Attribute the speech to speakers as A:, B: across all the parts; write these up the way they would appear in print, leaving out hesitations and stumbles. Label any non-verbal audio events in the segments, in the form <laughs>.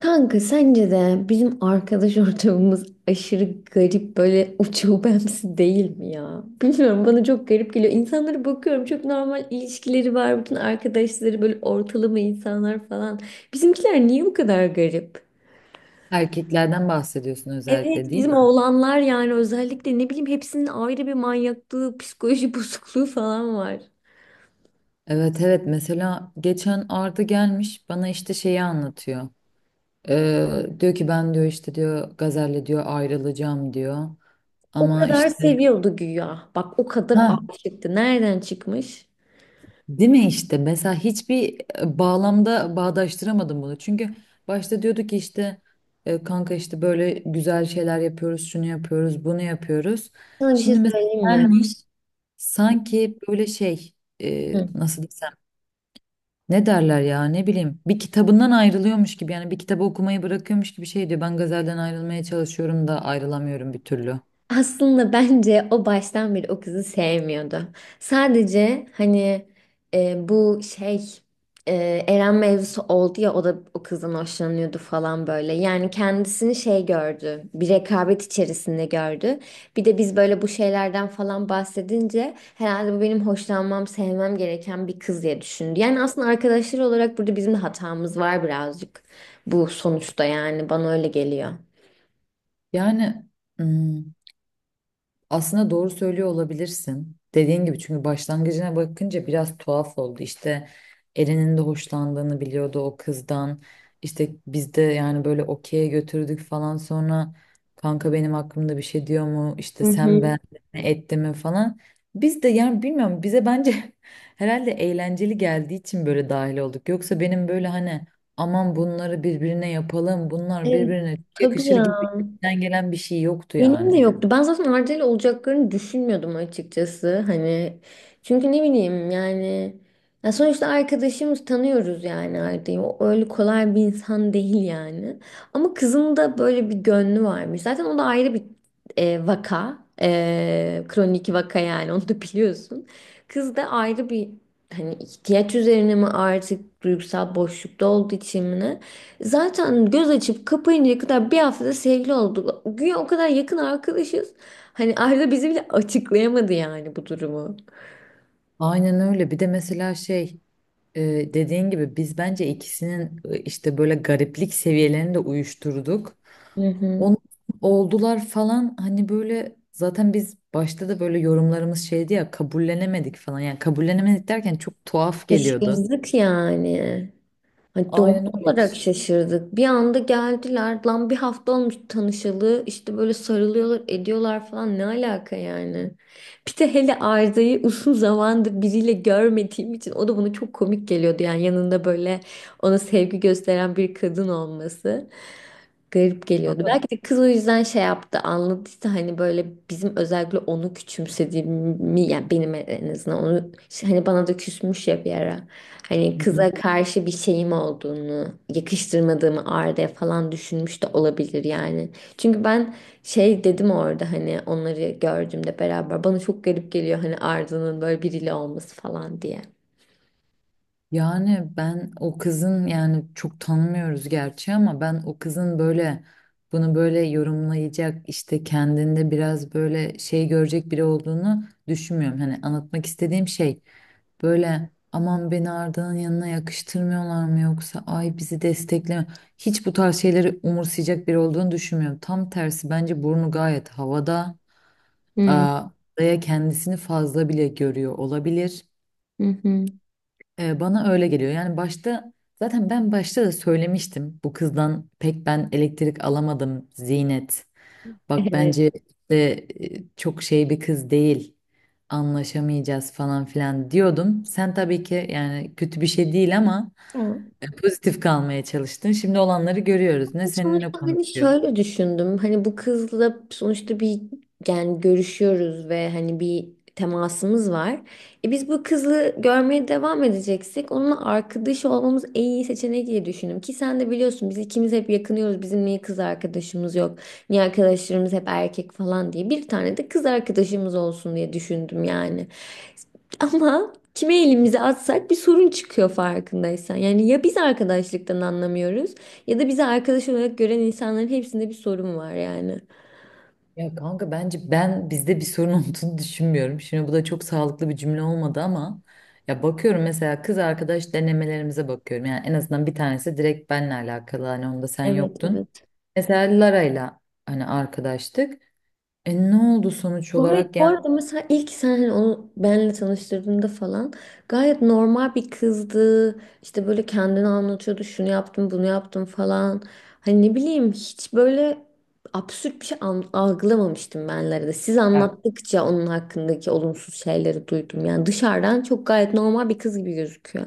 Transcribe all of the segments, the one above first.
A: Kanka sence de bizim arkadaş <laughs> ortamımız aşırı garip böyle uçubemsi değil mi ya? Bilmiyorum, bana çok garip geliyor. İnsanlara bakıyorum, çok normal ilişkileri var. Bütün arkadaşları böyle ortalama insanlar falan. Bizimkiler niye bu kadar garip?
B: Erkeklerden bahsediyorsun özellikle
A: Evet,
B: değil
A: bizim
B: mi?
A: oğlanlar yani özellikle ne bileyim hepsinin ayrı bir manyaklığı, psikoloji <laughs> bozukluğu falan var.
B: Evet, evet, mesela geçen Arda gelmiş bana işte şeyi anlatıyor. Diyor ki ben diyor işte diyor Gazel'le diyor ayrılacağım diyor.
A: O
B: Ama
A: kadar
B: işte
A: seviyordu güya. Bak, o kadar
B: ha,
A: aşıktı. Nereden çıkmış?
B: değil mi, işte mesela hiçbir bağlamda bağdaştıramadım bunu. Çünkü başta diyordu ki işte kanka işte böyle güzel şeyler yapıyoruz, şunu yapıyoruz, bunu yapıyoruz.
A: Sana bir şey
B: Şimdi mesela
A: söyleyeyim mi?
B: gelmiş sanki böyle şey,
A: Hı.
B: nasıl desem, ne derler ya, ne bileyim, bir kitabından ayrılıyormuş gibi, yani bir kitabı okumayı bırakıyormuş gibi şey diyor, ben gazelden ayrılmaya çalışıyorum da ayrılamıyorum bir türlü.
A: Aslında bence o baştan beri o kızı sevmiyordu. Sadece hani, bu şey, e, Eren mevzusu oldu ya, o da o kızdan hoşlanıyordu falan böyle. Yani kendisini şey gördü, bir rekabet içerisinde gördü. Bir de biz böyle bu şeylerden falan bahsedince herhalde bu benim hoşlanmam, sevmem gereken bir kız diye düşündü. Yani aslında arkadaşlar olarak burada bizim de hatamız var birazcık, bu sonuçta yani bana öyle geliyor.
B: Yani hmm, aslında doğru söylüyor olabilirsin. Dediğin gibi, çünkü başlangıcına bakınca biraz tuhaf oldu. İşte Eren'in de hoşlandığını biliyordu o kızdan. İşte biz de yani böyle okey'e götürdük falan, sonra kanka benim hakkımda bir şey diyor mu? İşte
A: Hı
B: sen,
A: hı.
B: ben mi etti mi falan. Biz de yani bilmiyorum, bize bence <laughs> herhalde eğlenceli geldiği için böyle dahil olduk. Yoksa benim böyle hani aman bunları birbirine yapalım, bunlar
A: Evet,
B: birbirine çok
A: tabii
B: yakışır
A: ya.
B: gibi içten gelen bir şey yoktu
A: Benim de
B: yani.
A: yoktu. Ben zaten Arda'yla olacaklarını düşünmüyordum açıkçası. Hani çünkü ne bileyim yani, ya sonuçta arkadaşımız, tanıyoruz yani Arda'yı. O öyle kolay bir insan <laughs> değil yani. Ama kızın da böyle bir gönlü varmış. Zaten o da ayrı bir vaka. Kronik vaka yani, <laughs> onu da biliyorsun. Kız da ayrı bir, hani ihtiyaç üzerine mi, artık duygusal boşlukta olduğu için mi, ne? Zaten göz açıp kapayıncaya kadar bir haftada sevgili olduk. Güya o kadar yakın arkadaşız. Hani Arda bizi bile açıklayamadı yani bu durumu.
B: Aynen öyle. Bir de mesela şey, e, dediğin gibi biz bence ikisinin işte böyle gariplik seviyelerini de uyuşturduk.
A: Hı hı.
B: Onun oldular falan, hani böyle zaten biz başta da böyle yorumlarımız şeydi ya, kabullenemedik falan. Yani kabullenemedik derken çok tuhaf geliyordu.
A: Şaşırdık yani. Hani doğal
B: Aynen öyle.
A: olarak şaşırdık. Bir anda geldiler. Lan bir hafta olmuş tanışalı. İşte böyle sarılıyorlar, ediyorlar falan. Ne alaka yani? Bir de hele Arda'yı <laughs> uzun zamandır biriyle görmediğim için o da bana çok komik geliyordu. Yani yanında böyle ona sevgi gösteren bir kadın olması. Garip geliyordu.
B: Ama-
A: Belki de kız o yüzden şey yaptı, anladıysa hani böyle bizim özellikle onu küçümsediğimi, yani benim en azından onu, hani bana da küsmüş ya bir ara. Hani
B: Hı hı.
A: kıza karşı bir şeyim olduğunu, yakıştırmadığımı Arda'ya falan düşünmüş de olabilir yani. Çünkü ben şey dedim orada, hani onları gördüğümde beraber bana çok garip geliyor, hani Arda'nın böyle biriyle olması falan diye.
B: Yani ben o kızın, yani çok tanımıyoruz gerçi ama ben o kızın böyle bunu böyle yorumlayacak, işte kendinde biraz böyle şey görecek biri olduğunu düşünmüyorum. Hani anlatmak istediğim şey, böyle aman beni Arda'nın yanına yakıştırmıyorlar mı, yoksa ay bizi destekleme. Hiç bu tarz şeyleri umursayacak biri olduğunu düşünmüyorum. Tam tersi, bence burnu gayet havada.
A: Hı
B: Aa, Arda'ya kendisini fazla bile görüyor olabilir.
A: hı. Hı.
B: Bana öyle geliyor. Yani başta zaten ben başta da söylemiştim. Bu kızdan pek ben elektrik alamadım, Zinet. Bak,
A: Evet.
B: bence işte çok şey bir kız değil. Anlaşamayacağız falan filan diyordum. Sen tabii ki, yani kötü bir şey değil ama
A: Ya.
B: pozitif kalmaya çalıştın. Şimdi olanları görüyoruz. Ne seninle
A: Sonuçta hani
B: konuşuyor.
A: şöyle düşündüm. Hani bu kızla sonuçta bir, yani görüşüyoruz ve hani bir temasımız var. E biz bu kızı görmeye devam edeceksek onunla arkadaş olmamız en iyi seçenek diye düşündüm. Ki sen de biliyorsun biz ikimiz hep yakınıyoruz. Bizim niye kız arkadaşımız yok? Niye arkadaşlarımız hep erkek falan diye. Bir tane de kız arkadaşımız olsun diye düşündüm yani. Ama kime elimizi atsak bir sorun çıkıyor, farkındaysan. Yani ya biz arkadaşlıktan anlamıyoruz ya da bizi arkadaş olarak gören insanların hepsinde bir sorun var yani.
B: Ya kanka, bence ben bizde bir sorun <laughs> olduğunu düşünmüyorum. Şimdi bu da çok sağlıklı bir cümle olmadı ama ya bakıyorum mesela, kız arkadaş denemelerimize bakıyorum. Yani en azından bir tanesi direkt benle alakalı, hani onda sen
A: Evet,
B: yoktun.
A: evet.
B: Mesela Lara'yla hani arkadaştık. E ne oldu sonuç olarak
A: Gayet bu
B: yani?
A: arada, mesela ilk sen hani onu benle tanıştırdığında falan gayet normal bir kızdı. İşte böyle kendini anlatıyordu. Şunu yaptım, bunu yaptım falan. Hani ne bileyim, hiç böyle absürt bir şey algılamamıştım benlere de. Siz anlattıkça onun hakkındaki olumsuz şeyleri duydum. Yani dışarıdan çok gayet normal bir kız gibi gözüküyor.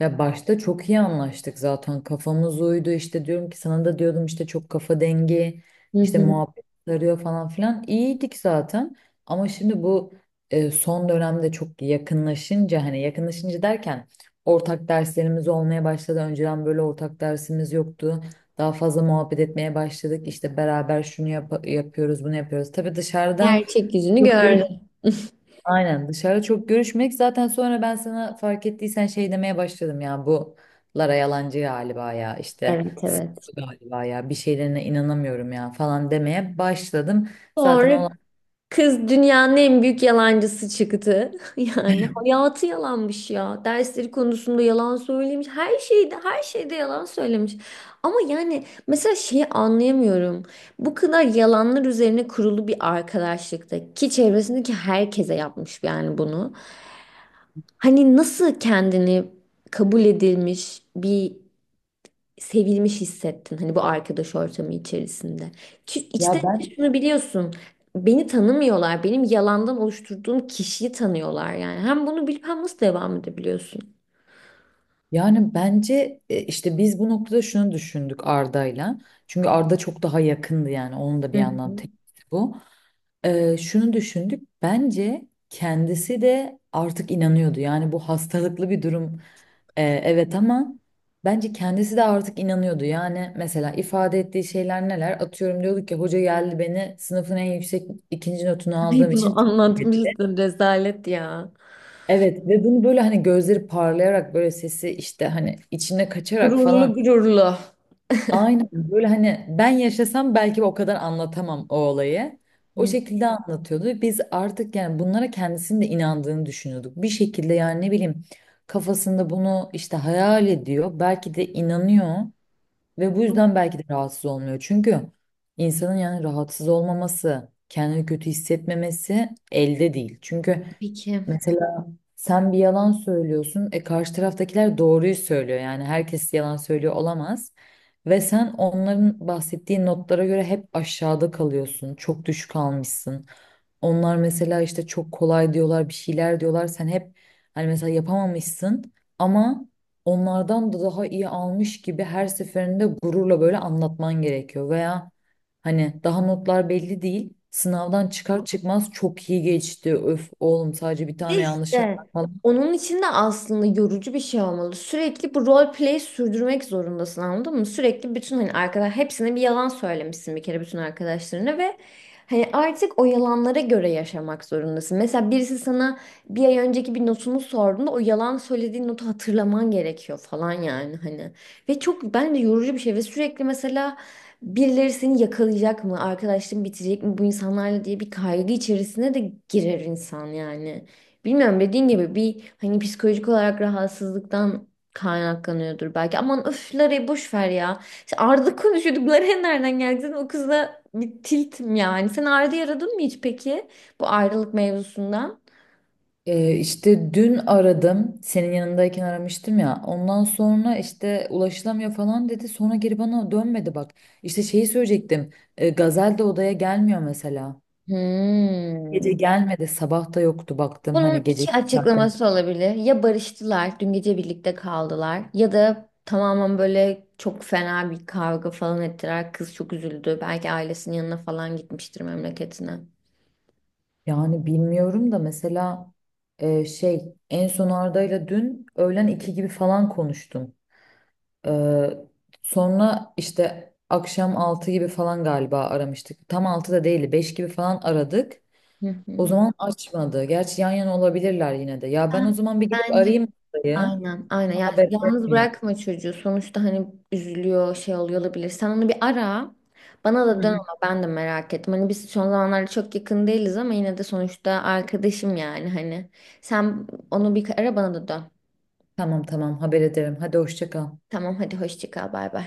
B: Ya başta çok iyi anlaştık, zaten kafamız uydu, işte diyorum ki sana da diyordum işte çok kafa dengi,
A: Hı
B: işte
A: hı.
B: muhabbet sarıyor falan filan, iyiydik zaten ama şimdi bu son dönemde çok yakınlaşınca, hani yakınlaşınca derken ortak derslerimiz olmaya başladı, önceden böyle ortak dersimiz yoktu, daha fazla muhabbet etmeye başladık, işte beraber şunu yapıyoruz, bunu yapıyoruz, tabii dışarıda
A: Gerçek yüzünü
B: çok
A: gördüm.
B: görüş.
A: <laughs>
B: Aynen, dışarı çok görüşmek, zaten sonra ben sana fark ettiysen şey demeye başladım, ya bu Lara yalancı galiba ya, işte
A: Evet, evet.
B: sıkıyor galiba ya, bir şeylerine inanamıyorum ya falan demeye başladım. Zaten
A: Sonra
B: olan,
A: kız dünyanın en büyük yalancısı çıktı. <laughs> Yani hayatı yalanmış ya. Dersleri konusunda yalan söylemiş. Her şeyde, her şeyde yalan söylemiş. Ama yani mesela şeyi anlayamıyorum. Bu kadar yalanlar üzerine kurulu bir arkadaşlıkta, ki çevresindeki herkese yapmış yani bunu. Hani nasıl kendini kabul edilmiş bir, sevilmiş hissettin hani bu arkadaş ortamı içerisinde. Ki
B: ya
A: içten içe
B: ben,
A: şunu biliyorsun. Beni tanımıyorlar. Benim yalandan oluşturduğum kişiyi tanıyorlar yani. Hem bunu bilip hem nasıl devam edebiliyorsun?
B: yani bence işte biz bu noktada şunu düşündük Arda'yla. Çünkü Arda çok daha yakındı, yani onun da
A: Hı
B: bir yandan
A: hı.
B: tepkisi bu. Şunu düşündük. Bence kendisi de artık inanıyordu. Yani bu hastalıklı bir durum. Evet ama bence kendisi de artık inanıyordu. Yani mesela ifade ettiği şeyler neler? Atıyorum, diyorduk ki hoca geldi, beni sınıfın en yüksek ikinci notunu
A: Ay,
B: aldığım için
A: bunu
B: tebrik etti.
A: anlatmıştım, rezalet ya.
B: Evet, ve bunu böyle hani gözleri parlayarak, böyle sesi işte hani içine kaçarak
A: Gururlu
B: falan,
A: gururlu.
B: aynen böyle, hani ben yaşasam belki o kadar anlatamam o olayı. O
A: Hı.
B: şekilde anlatıyordu ve biz artık yani bunlara kendisinin de inandığını düşünüyorduk. Bir şekilde yani, ne bileyim, kafasında bunu işte hayal ediyor. Belki de inanıyor ve bu yüzden belki de rahatsız olmuyor. Çünkü insanın yani rahatsız olmaması, kendini kötü hissetmemesi elde değil. Çünkü
A: Peki.
B: mesela sen bir yalan söylüyorsun. E karşı taraftakiler doğruyu söylüyor. Yani herkes yalan söylüyor olamaz. Ve sen onların bahsettiği notlara göre hep aşağıda kalıyorsun. Çok düşük almışsın. Onlar mesela işte çok kolay diyorlar, bir şeyler diyorlar. Sen hep hani mesela yapamamışsın ama onlardan da daha iyi almış gibi her seferinde gururla böyle anlatman gerekiyor. Veya hani daha notlar belli değil, sınavdan çıkar çıkmaz çok iyi geçti, öf oğlum sadece bir
A: De
B: tane yanlışım
A: işte
B: var.
A: onun için de aslında yorucu bir şey olmalı. Sürekli bu role play sürdürmek zorundasın, anladın mı? Sürekli bütün, hani arkadaş, hepsine bir yalan söylemişsin bir kere bütün arkadaşlarına ve hani artık o yalanlara göre yaşamak zorundasın. Mesela birisi sana bir ay önceki bir notunu sorduğunda o yalan söylediğin notu hatırlaman gerekiyor falan yani hani. Ve çok bence yorucu bir şey ve sürekli mesela birileri seni yakalayacak mı, arkadaşlığın bitecek mi bu insanlarla diye bir kaygı içerisine de girer insan yani. Bilmiyorum, dediğin gibi bir hani psikolojik olarak rahatsızlıktan kaynaklanıyordur belki. Aman, öfleri boş ver ya. İşte Arda konuşuyorduk. Lara'ya nereden geldi? Zaten o kızla bir tiltim yani. Sen Arda'yı aradın mı hiç peki? Bu ayrılık mevzusundan.
B: İşte dün aradım. Senin yanındayken aramıştım ya. Ondan sonra işte ulaşılamıyor falan dedi. Sonra geri bana dönmedi bak. İşte şeyi söyleyecektim. Gazel de odaya gelmiyor mesela. Gece
A: Hmm.
B: gelmedi. Sabah da yoktu baktım, hani
A: Bunun
B: gece
A: iki
B: saatte.
A: açıklaması olabilir. Ya barıştılar, dün gece birlikte kaldılar ya da tamamen böyle çok fena bir kavga falan ettiler. Kız çok üzüldü. Belki ailesinin yanına falan gitmiştir, memleketine.
B: Yani bilmiyorum da mesela şey, en son Arda'yla dün öğlen 2 gibi falan konuştum. Ee, Sonra işte akşam 6 gibi falan galiba aramıştık. Tam 6 da değil, 5 gibi falan aradık.
A: Hı
B: O
A: hı.
B: zaman açmadı. Gerçi yan yana olabilirler yine de. Ya ben o
A: Ben-
B: zaman bir gidip
A: Bence
B: arayayım dayı.
A: aynen aynen,
B: Ona
A: yani
B: haber
A: yalnız
B: vermeyeyim.
A: bırakma çocuğu sonuçta, hani üzülüyor, şey oluyor olabilir, sen onu bir ara, bana
B: Hı
A: da dön,
B: hı.
A: ama ben de merak ettim, hani biz son zamanlarda çok yakın değiliz ama yine de sonuçta arkadaşım yani, hani sen onu bir ara, bana da dön.
B: Tamam, tamam, haber ederim. Hadi hoşça kal.
A: Tamam, hadi hoşça kal. Bay bay.